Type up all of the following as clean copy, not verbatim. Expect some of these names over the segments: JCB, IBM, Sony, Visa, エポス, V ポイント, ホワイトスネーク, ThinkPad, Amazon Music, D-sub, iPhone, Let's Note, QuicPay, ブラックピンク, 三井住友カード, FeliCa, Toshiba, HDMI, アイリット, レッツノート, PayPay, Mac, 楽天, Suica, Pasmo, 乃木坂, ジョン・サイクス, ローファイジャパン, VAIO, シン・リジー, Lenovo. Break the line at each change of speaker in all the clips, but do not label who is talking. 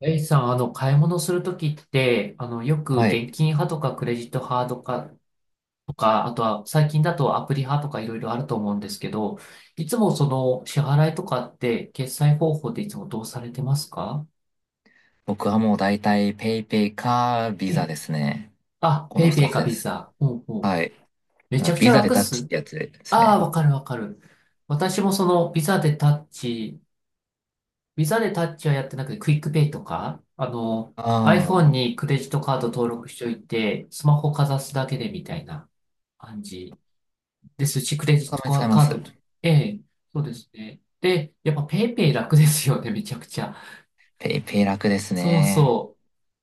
エイさん、買い物するときって、よく
はい。
現金派とかクレジット派とか、あとは最近だとアプリ派とかいろいろあると思うんですけど、いつもその支払いとかって決済方法っていつもどうされてますか？
僕はもう大体ペイペイかビ
え
ザ
え。
ですね。
あ、
こ
ペ
の
イペ
二
イ
つ
か
で
ビ
す。
ザ。ほうほう。
はい。
めちゃくちゃ
ビザで
楽っ
タッチっ
す。
てやつです
ああ、
ね。
わかるわかる。私もそのビザでタッチ、ビザでタッチはやってなくて、クイックペイとか、
あ
iPhone
あ、
にクレジットカード登録しておいて、スマホかざすだけでみたいな。感じですし、クレジッ
た
ト
まに使
カ
いま
ード
す。
と、ええ、そうですね。で、やっぱペイペイ楽ですよね、めちゃくちゃ。
ペイペイ楽です
そう
ね。
そ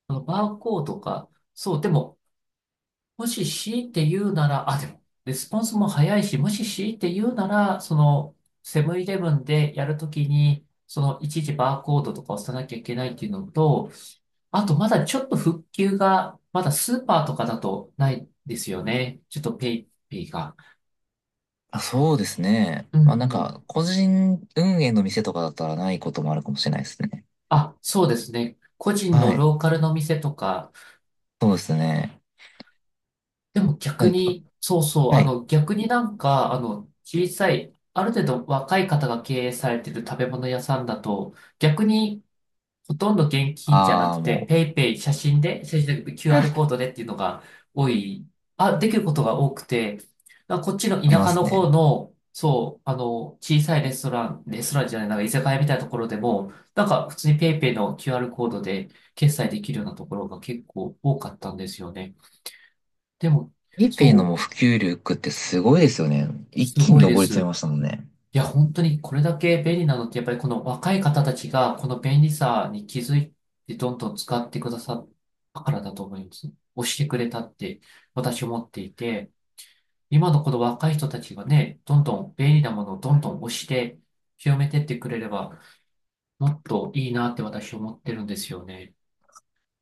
う。あのバーコードか、そう、でも、もし強いて言うなら、あ、でも、レスポンスも早いし、もし強いて言うなら、セブンイレブンでやるときに、いちいちバーコードとか押さなきゃいけないっていうのと、あと、まだちょっと復旧が、まだスーパーとかだとないですよね。ちょっとペイペイが。
あ、そうですね。
うん
まあなん
う
か、
ん。
個人運営の店とかだったらないこともあるかもしれないですね。
あ、そうですね。個人の
はい。
ローカルの店とか、
そうですね。
でも
う
逆
ん、
に、そうそう、
はい。
逆になんか、小さい、ある程度若い方が経営されてる食べ物屋さんだと、逆にほとんど現金じゃな
あ
く
あ、
て、
も
ペイペイ、写真で
う、
QR コー
あ
ドでっていうのが多い、あ、できることが多くて、あこっちの
り
田
ま
舎
す
の方
ね。
の、そう、小さいレストラン、レストランじゃない、なんか居酒屋みたいなところでも、なんか普通にペイペイの QR コードで決済できるようなところが結構多かったんですよね。でも、
ペイペイのも
そう、
う普及力ってすごいですよね。一
す
気に
ごい
上
で
り
す。
詰めましたもんね。
いや、本当にこれだけ便利なのって、やっぱりこの若い方たちが、この便利さに気づいて、どんどん使ってくださったからだと思います。押してくれたって、私思っていて、今のこの若い人たちがね、どんどん便利なものをどんどん押して、広めてってくれれば、もっといいなって私思ってるんですよね。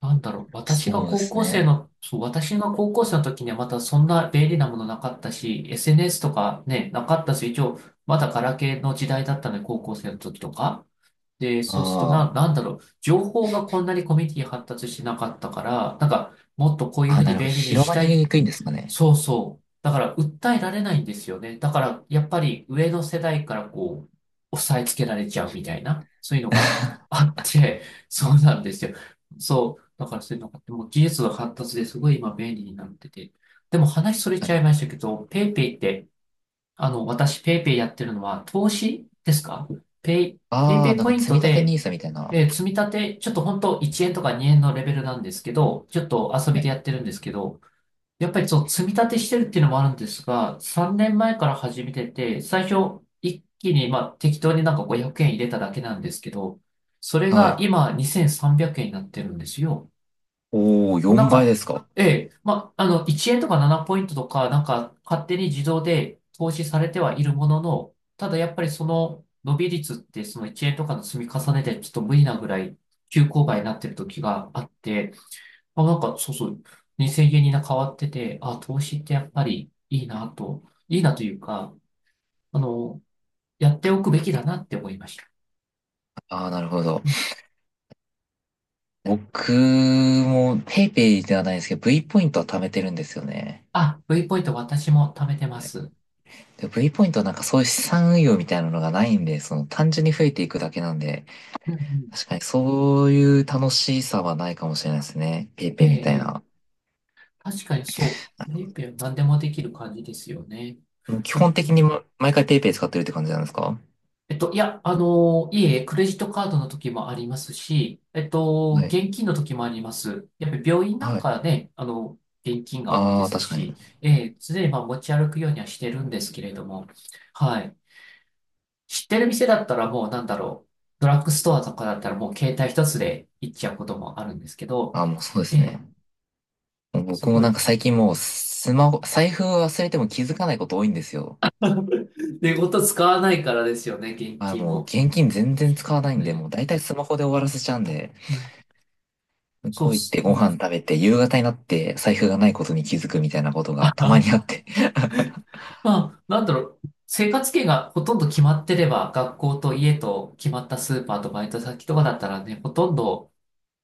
なんだろう、私が
そうで
高
す
校生
ね。
の、そう、私が高校生の時にはまたそんな便利なものなかったし、SNS とかね、なかったし、一応、まだガラケーの時代だったので、高校生の時とか。で、そうすると
あ
な、
あ。
なんだろう、情報がこんなにコミュニティ発達してなかったから、なんか、もっとこういうふ
あ、
う
な
に
るほど。
便利に
広
し
ま
た
り
い。
にくいんですかね。
そうそう。だから訴えられないんですよね。だからやっぱり上の世代からこう、押さえつけられちゃうみたいな、そういうの があ
確
って、そうなんですよ。そう。だからそういうのがあって、もう技術が発達ですごい今便利になってて。でも話それ
か
ちゃい
に。
ましたけど、ペイペイって、私ペイペイやってるのは投資ですか？ペイ、ペイ
あ
ペ
あ、
イ
なん
ポイ
か
ン
積み
ト
立てニ
で、
ー s みたいな。
積み立て、ちょっと本当1円とか2円のレベルなんですけど、ちょっと遊
は
びで
い。
やってるんですけど、やっぱりその積み立てしてるっていうのもあるんですが、3年前から始めてて、最初一気にまあ適当になんか500円入れただけなんですけど、それ
は
が
い。
今2300円になってるんですよ。
おお、
な
4
ん
倍
か、
ですか？
ええ、まあ、1円とか7ポイントとか、なんか勝手に自動で投資されてはいるものの、ただやっぱりその伸び率ってその1円とかの積み重ねでちょっと無理なぐらい急勾配になってる時があって、あ、なんか、そうそう、2 0円にな変わってて、あ、投資ってやっぱりいいなと、いいなというか、あの、やっておくべきだなって思いました。
ああ、なるほど。
うん。
僕も PayPay ではないんですけど、V ポイントは貯めてるんですよね。
あ、V ポイント私も貯めてま
はい。
す。
で、V ポイントはなんかそういう資産運用みたいなのがないんで、その単純に増えていくだけなんで、
うんうん。
確かにそういう楽しさはないかもしれないですね。
ええ、
PayPay みたい
ええ
な。
確かにそう。ペイペイは何でもできる感じですよね。
基
だ
本的にま毎回 PayPay 使ってるって感じなんですか？
えっと、いや、いえ、クレジットカードの時もありますし、
はい。
現金の時もあります。やっぱり病院なん
は
か
い。
ね、現金が多い
あ
で
あ、
す
確かに。
し、ええ、常にまあ持ち歩くようにはしてるんですけれども、はい。知ってる店だったらもうなんだろう、ドラッグストアとかだったらもう携帯一つで行っちゃうこともあるんですけど、
あ、もうそうで
え
すね。
え、す
僕も
ご
なん
い。
か最近もうスマホ、財布を忘れても気づかないこと多いんですよ。
寝言使わないからですよね、現
あ、
金
もう
も。
現金全然使わないんで、
ね、
もう大体スマホで終わらせちゃうんで、
うん、
向
そう
こ
っ
う行っ
す。
て
う
ご飯
ん
食べて、夕方になって財布がないことに気づくみたいなことがたまにあ って。
まあ、なんだろう、生活圏がほとんど決まってれば、学校と家と決まったスーパーとバイト先とかだったらね、ほとんど、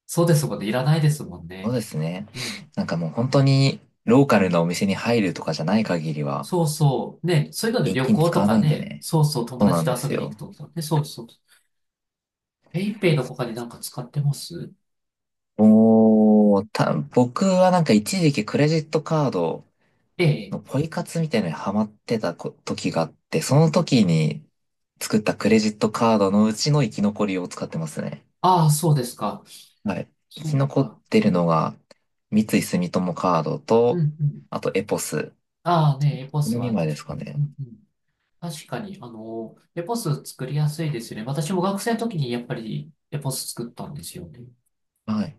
そうですもんね、いらないですもん
そう
ね。
ですね。
うん。
なんかもう本当にローカルなお店に入るとかじゃない限りは、
そうそう。ね、そういうので
現
旅
金
行
使
と
わな
か
いんで
ね、
ね。
そうそう、友
そうな
達
ん
と
で
遊
す
びに行く
よ。
とかね、そうそう。ペイペイの他になんか使ってます？
もう、僕はなんか一時期クレジットカード
ええ。
ポイ活みたいなのにハマってた時があって、その時に作ったクレジットカードのうちの生き残りを使ってますね。
ああ、そうですか。
はい。生
そ
き
う
残っ
か。
てるのが、三井住友カード
うん
と、
うん。
あとエポス。
ああね、エポ
こ
ス
の
は
2枚
確
です
か
か
に。う
ね。
んうん。確かに、エポス作りやすいですよね。私も学生の時にやっぱりエポス作ったんですよね。
はい。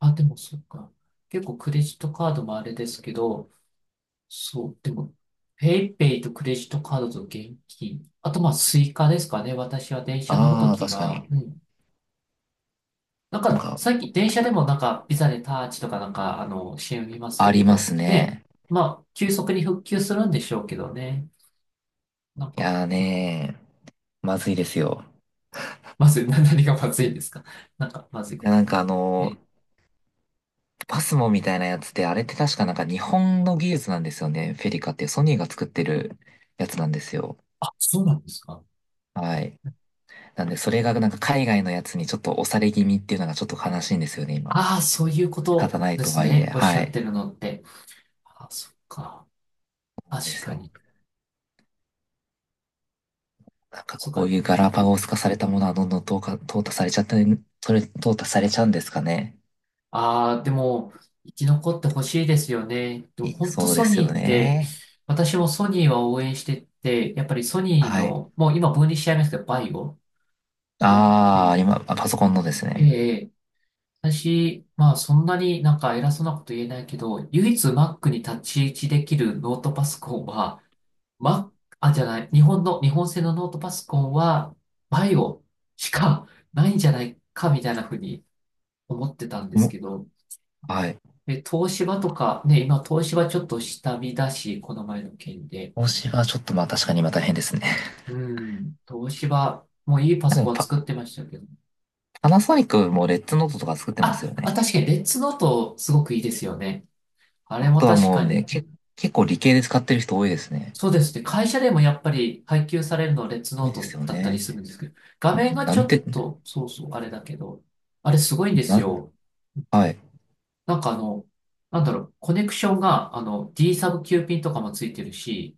あ、でもそっか。結構クレジットカードもあれですけど、そう、でも、ペイペイとクレジットカードと現金。あと、まあ、スイカですかね。私は電車乗ると
ああ、
き
確か
は、
に。
うん。なん
なん
か、
か、
最近電車でもなんか、ビザでタッチとかなんか、CM 見ます
あ
けれ
りま
ど。
す
で、
ね。
まあ、急速に復旧するんでしょうけどね。なん
い
か、
やーねー、まずいですよ。
まずい、何がまずいんですか？なんか、まずい
い
こ
や、
と。
なんかあの
え
ーパスモみたいなやつって、あれって確かなんか日本の技術なんですよね。フェリカっていうソニーが作ってるやつなんですよ。
あ、そうなんですか。
はい。なんで、それがなんか海外のやつにちょっと押され気味っていうのがちょっと悲しいんですよね、今。
ああ、そういうこ
仕方
と
ない
で
と
す
はいえ、
ね。おっしゃ
は
っ
い。
てるのって。ああ、そっか。
なんで
確
す
か
よ。
に。
なんか
そっ
こう
か。
いう
う
ガラ
ん。
パゴス化されたものはどんどん淘汰されちゃって、それ、淘汰されちゃうんですかね。
ああ、でも、生き残ってほしいですよね。でも、
い
本当
そうで
ソ
す
ニ
よ
ーって、
ね。
私もソニーは応援してて、やっぱりソニー
はい。
の、もう今分離しちゃいますけど、バイオ。
ああ、
ね、
今、あパソコンのです
え
ね。
え、私、まあ、そんなになんか偉そうなこと言えないけど、唯一 Mac に立ち位置できるノートパソコンは、ま、あ、じゃない、日本の、日本製のノートパソコンは、バイオしかないんじゃないか、みたいなふうに思ってたんです
も
けど、
はい。
え、東芝とか、ね、今、東芝ちょっと下見だし、この前の件で。
投資はちょっとまあ確かに今大変ですね。
うん、東芝、もういい パ
で
ソ
も
コン
パ、
作ってましたけど。
パナソニックもレッツノートとか作ってます
あ、
よ
あ、
ね。
確かに、レッツノート、すごくいいですよね。あ
ノ
れ
ー
も
トは
確
も
か
うね、
に。
結構理系で使ってる人多いですね。
そうですね。会社でもやっぱり配給されるのはレッツ
多
ノー
いで
ト
すよ
だったり
ね。
するんですけど、画
も
面
う
が
な
ち
ん
ょっ
て、
と、そうそう、あれだけど、あれすごいんです
なん、
よ。
はい。す
なんかあの、なんだろう、コネクションが、あの、D サブ Q ピンとかもついてるし、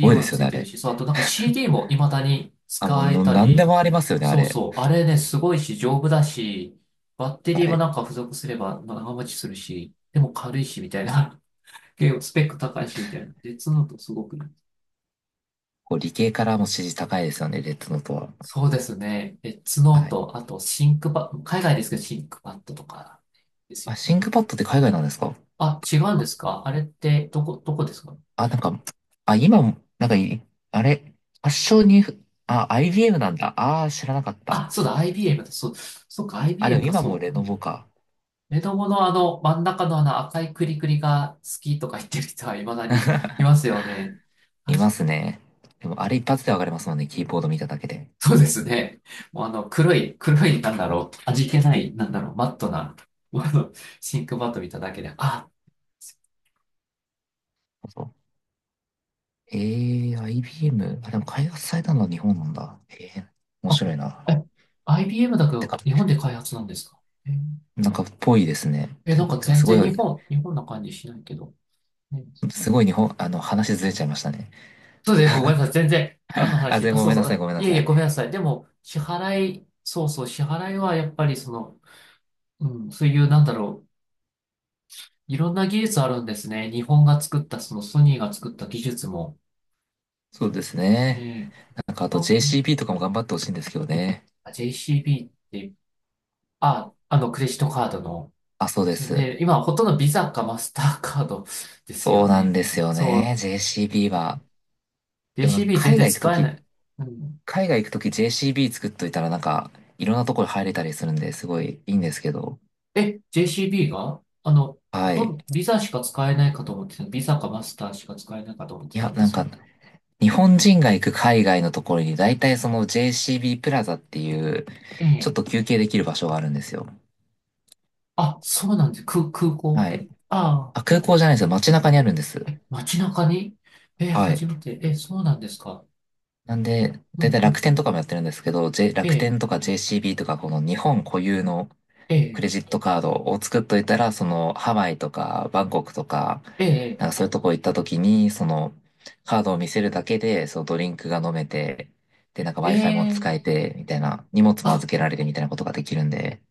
ごいで
も
すよ
つ
ね、
い
あ
てる
れ。
し、そう、あとなんか CD も未だに
あ、もう、
使え
の、
た
なんで
り、
もありますよね、あ
そう
れ。
そう、あれね、すごいし、丈夫だし、バッテリー
は
も
い。
なんか付属すれば長持ちするし、でも軽いし、みたいな。結構スペック高いし、みたいな。でツノートすごくいい。
こう、理系からも支持高いですよね、レッドノートは。
そうですね。えツノー
はい。
ト、あとシンクパッ、海外ですけどシンクパッドとかですよ
あ、シ
ね。
ンクパッドって海外なんですか？
あ、違うんですか？あれってどこですか？
あ、なんか、あ、今も、なんかい、あれ、発祥に、あ、IBM なんだ。ああ、知らなかった。
あ、そうだ、IBM だ、そう、そっか、
あ、で
IBM
も
か、
今も
そう。
レ
う
ノ
ん。
ボか。
目のあの、真ん中のあの赤いクリクリが好きとか言ってる人は未だにいますよね。あ
いま
し、
すね。でも、あれ一発でわかりますもんね、キーボード見ただけで。
そうですね。もうあの、黒い、黒い、なんだろう、味気ない、なんだろう、マットな、もうあの、シンクマット見ただけで、あ、
そうえIBM。あ、でも開発されたのは日本なんだ。えー、面
あ、
白いな。
え、IBM だけ
て
ど、
か、
日本で開発なんですか？えー
なんか、ぽいですね。
え、な
て
ん
か、
か
てか
全
すごい、
然日本な感じしないけど。ね、
すごい日本、あの、話ずれちゃいましたね。
そうですね、ごめんなさい。全然、何の
あ、
話？
全然
あ、
ご
そう
めん
そ
な
う。
さい、
あ、
ごめんな
いえい
さ
え、
い。
ごめんなさい。でも、支払い、そうそう、支払いはやっぱりその、うん、そういう、なんだろう、いろんな技術あるんですね。日本が作った、そのソニーが作った技術も。
そうですね。
ねえ、
なんか、あ
あ、
と
うん、
JCB とかも頑張ってほしいんですけどね。
あ JCB って、あ、あの、クレジットカードの、
あ、そうで
そう
す。
ね、今、ほとんどビザかマスターカードです
そ
よ
うなん
ね。
ですよ
そ
ね。
う、
JCB は。でもなんか、
JCB 全然使えない。うん。
海外行くとき JCB 作っといたら、なんか、いろんなところ入れたりするんで、すごいいいんですけど。
え、JCB があの、
はい。
ビザしか使えないかと思ってた。ビザかマスターしか使えないかと思って
い
た
や、
んで
なん
すけ
か、
ど。
日本人が行く海外のところに、大体その JCB プラザっていう、
え
ちょっ
え。
と休憩できる場所があるんですよ。
あ、そうなんです。空港っ
は
て？
い。
あ
あ、空港じゃないですよ。街中にあるんです。
あ。え、街中に？え、
はい。
初めて。え、そうなんですか？
なんで、
う
だい
ん
たい
う
楽
ん。
天とかもやってるんですけど、
え
楽
え、
天とか JCB とか、この日本固有の
え
ク
え、
レジットカードを作っといたら、そのハワイとかバンコクとか、
ええ、
なんかそういうとこ行った時に、そのカードを見せるだけで、そのドリンクが飲めて、で、なんか
え
Wi-Fi も使え
え。
て、みたいな、荷物も
あ、
預けられるみたいなことができるんで、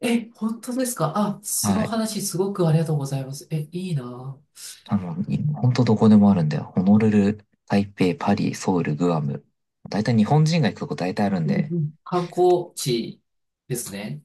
え、本当ですか？あ、その
はい。
話すごくありがとうございます。え、いいな
あ
ぁ。
の、に
うん
ほんとどこでもあるんだよ。ホノルル、台北、パリ、ソウル、グアム。大体日本人が行くとこ大体あるん
うんう
で。
ん。観光地ですね。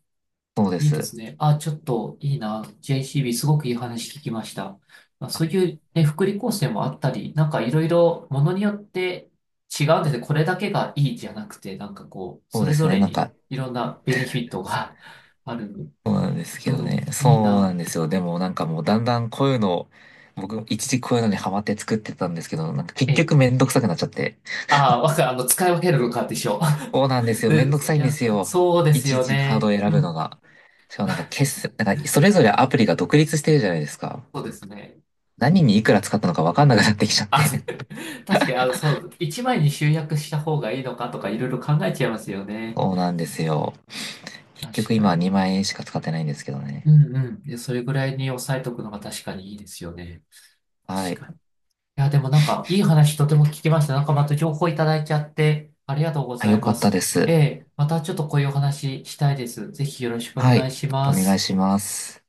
そうで
いいで
す。
すね。あ、ちょっといいな。JCB すごくいい話聞きました。まあ、そ
は
う
い。
いう、ね、福利厚生もあったり、なんかいろいろものによって違うんですね。これだけがいいじゃなくて、なんかこう、
そ
そ
う
れ
です
ぞ
ね。
れ
なん
に
か、
いろんなベネフィットが ある。
そうなんですけ
う
どね。
ん、いい
そうなん
な。
ですよ。でもなんかもうだんだんこういうのを、僕一時こういうのにハマって作ってたんですけど、なんか結
ええ、
局めんどくさくなっちゃって。
ああ、あの、使い分けるのかでしょ。
そうなんで すよ。めん
で、
どくさ
い
いんで
や、
すよ。
そうで
い
す
ちい
よ
ちカードを
ね。
選
う
ぶの
ん。
が。しかもなんか 決済、なんかそれぞれアプリが独立してるじゃないですか。
そうですね。
何にいくら使ったのかわかんなくなってきちゃっ
あ、
て。
確かに、あの、そう、一枚に集約した方がいいのかとかいろいろ考えちゃいますよ ね。
そうなんですよ。結
確
局
か
今
に。
2万円しか使ってないんですけど
う
ね。
んうん。で、それぐらいに抑えとくのが確かにいいですよね。
はい。
確かに。いや、でもなんか、いい話とても聞きました。なんかまた情報いただいちゃって、ありがとうご
あ、
ざ
よ
い
か
ま
った
す。
で
え
す。
え、またちょっとこういうお話したいです。ぜひよろしくお
は
願
い。
いし
お
ま
願い
す。
します。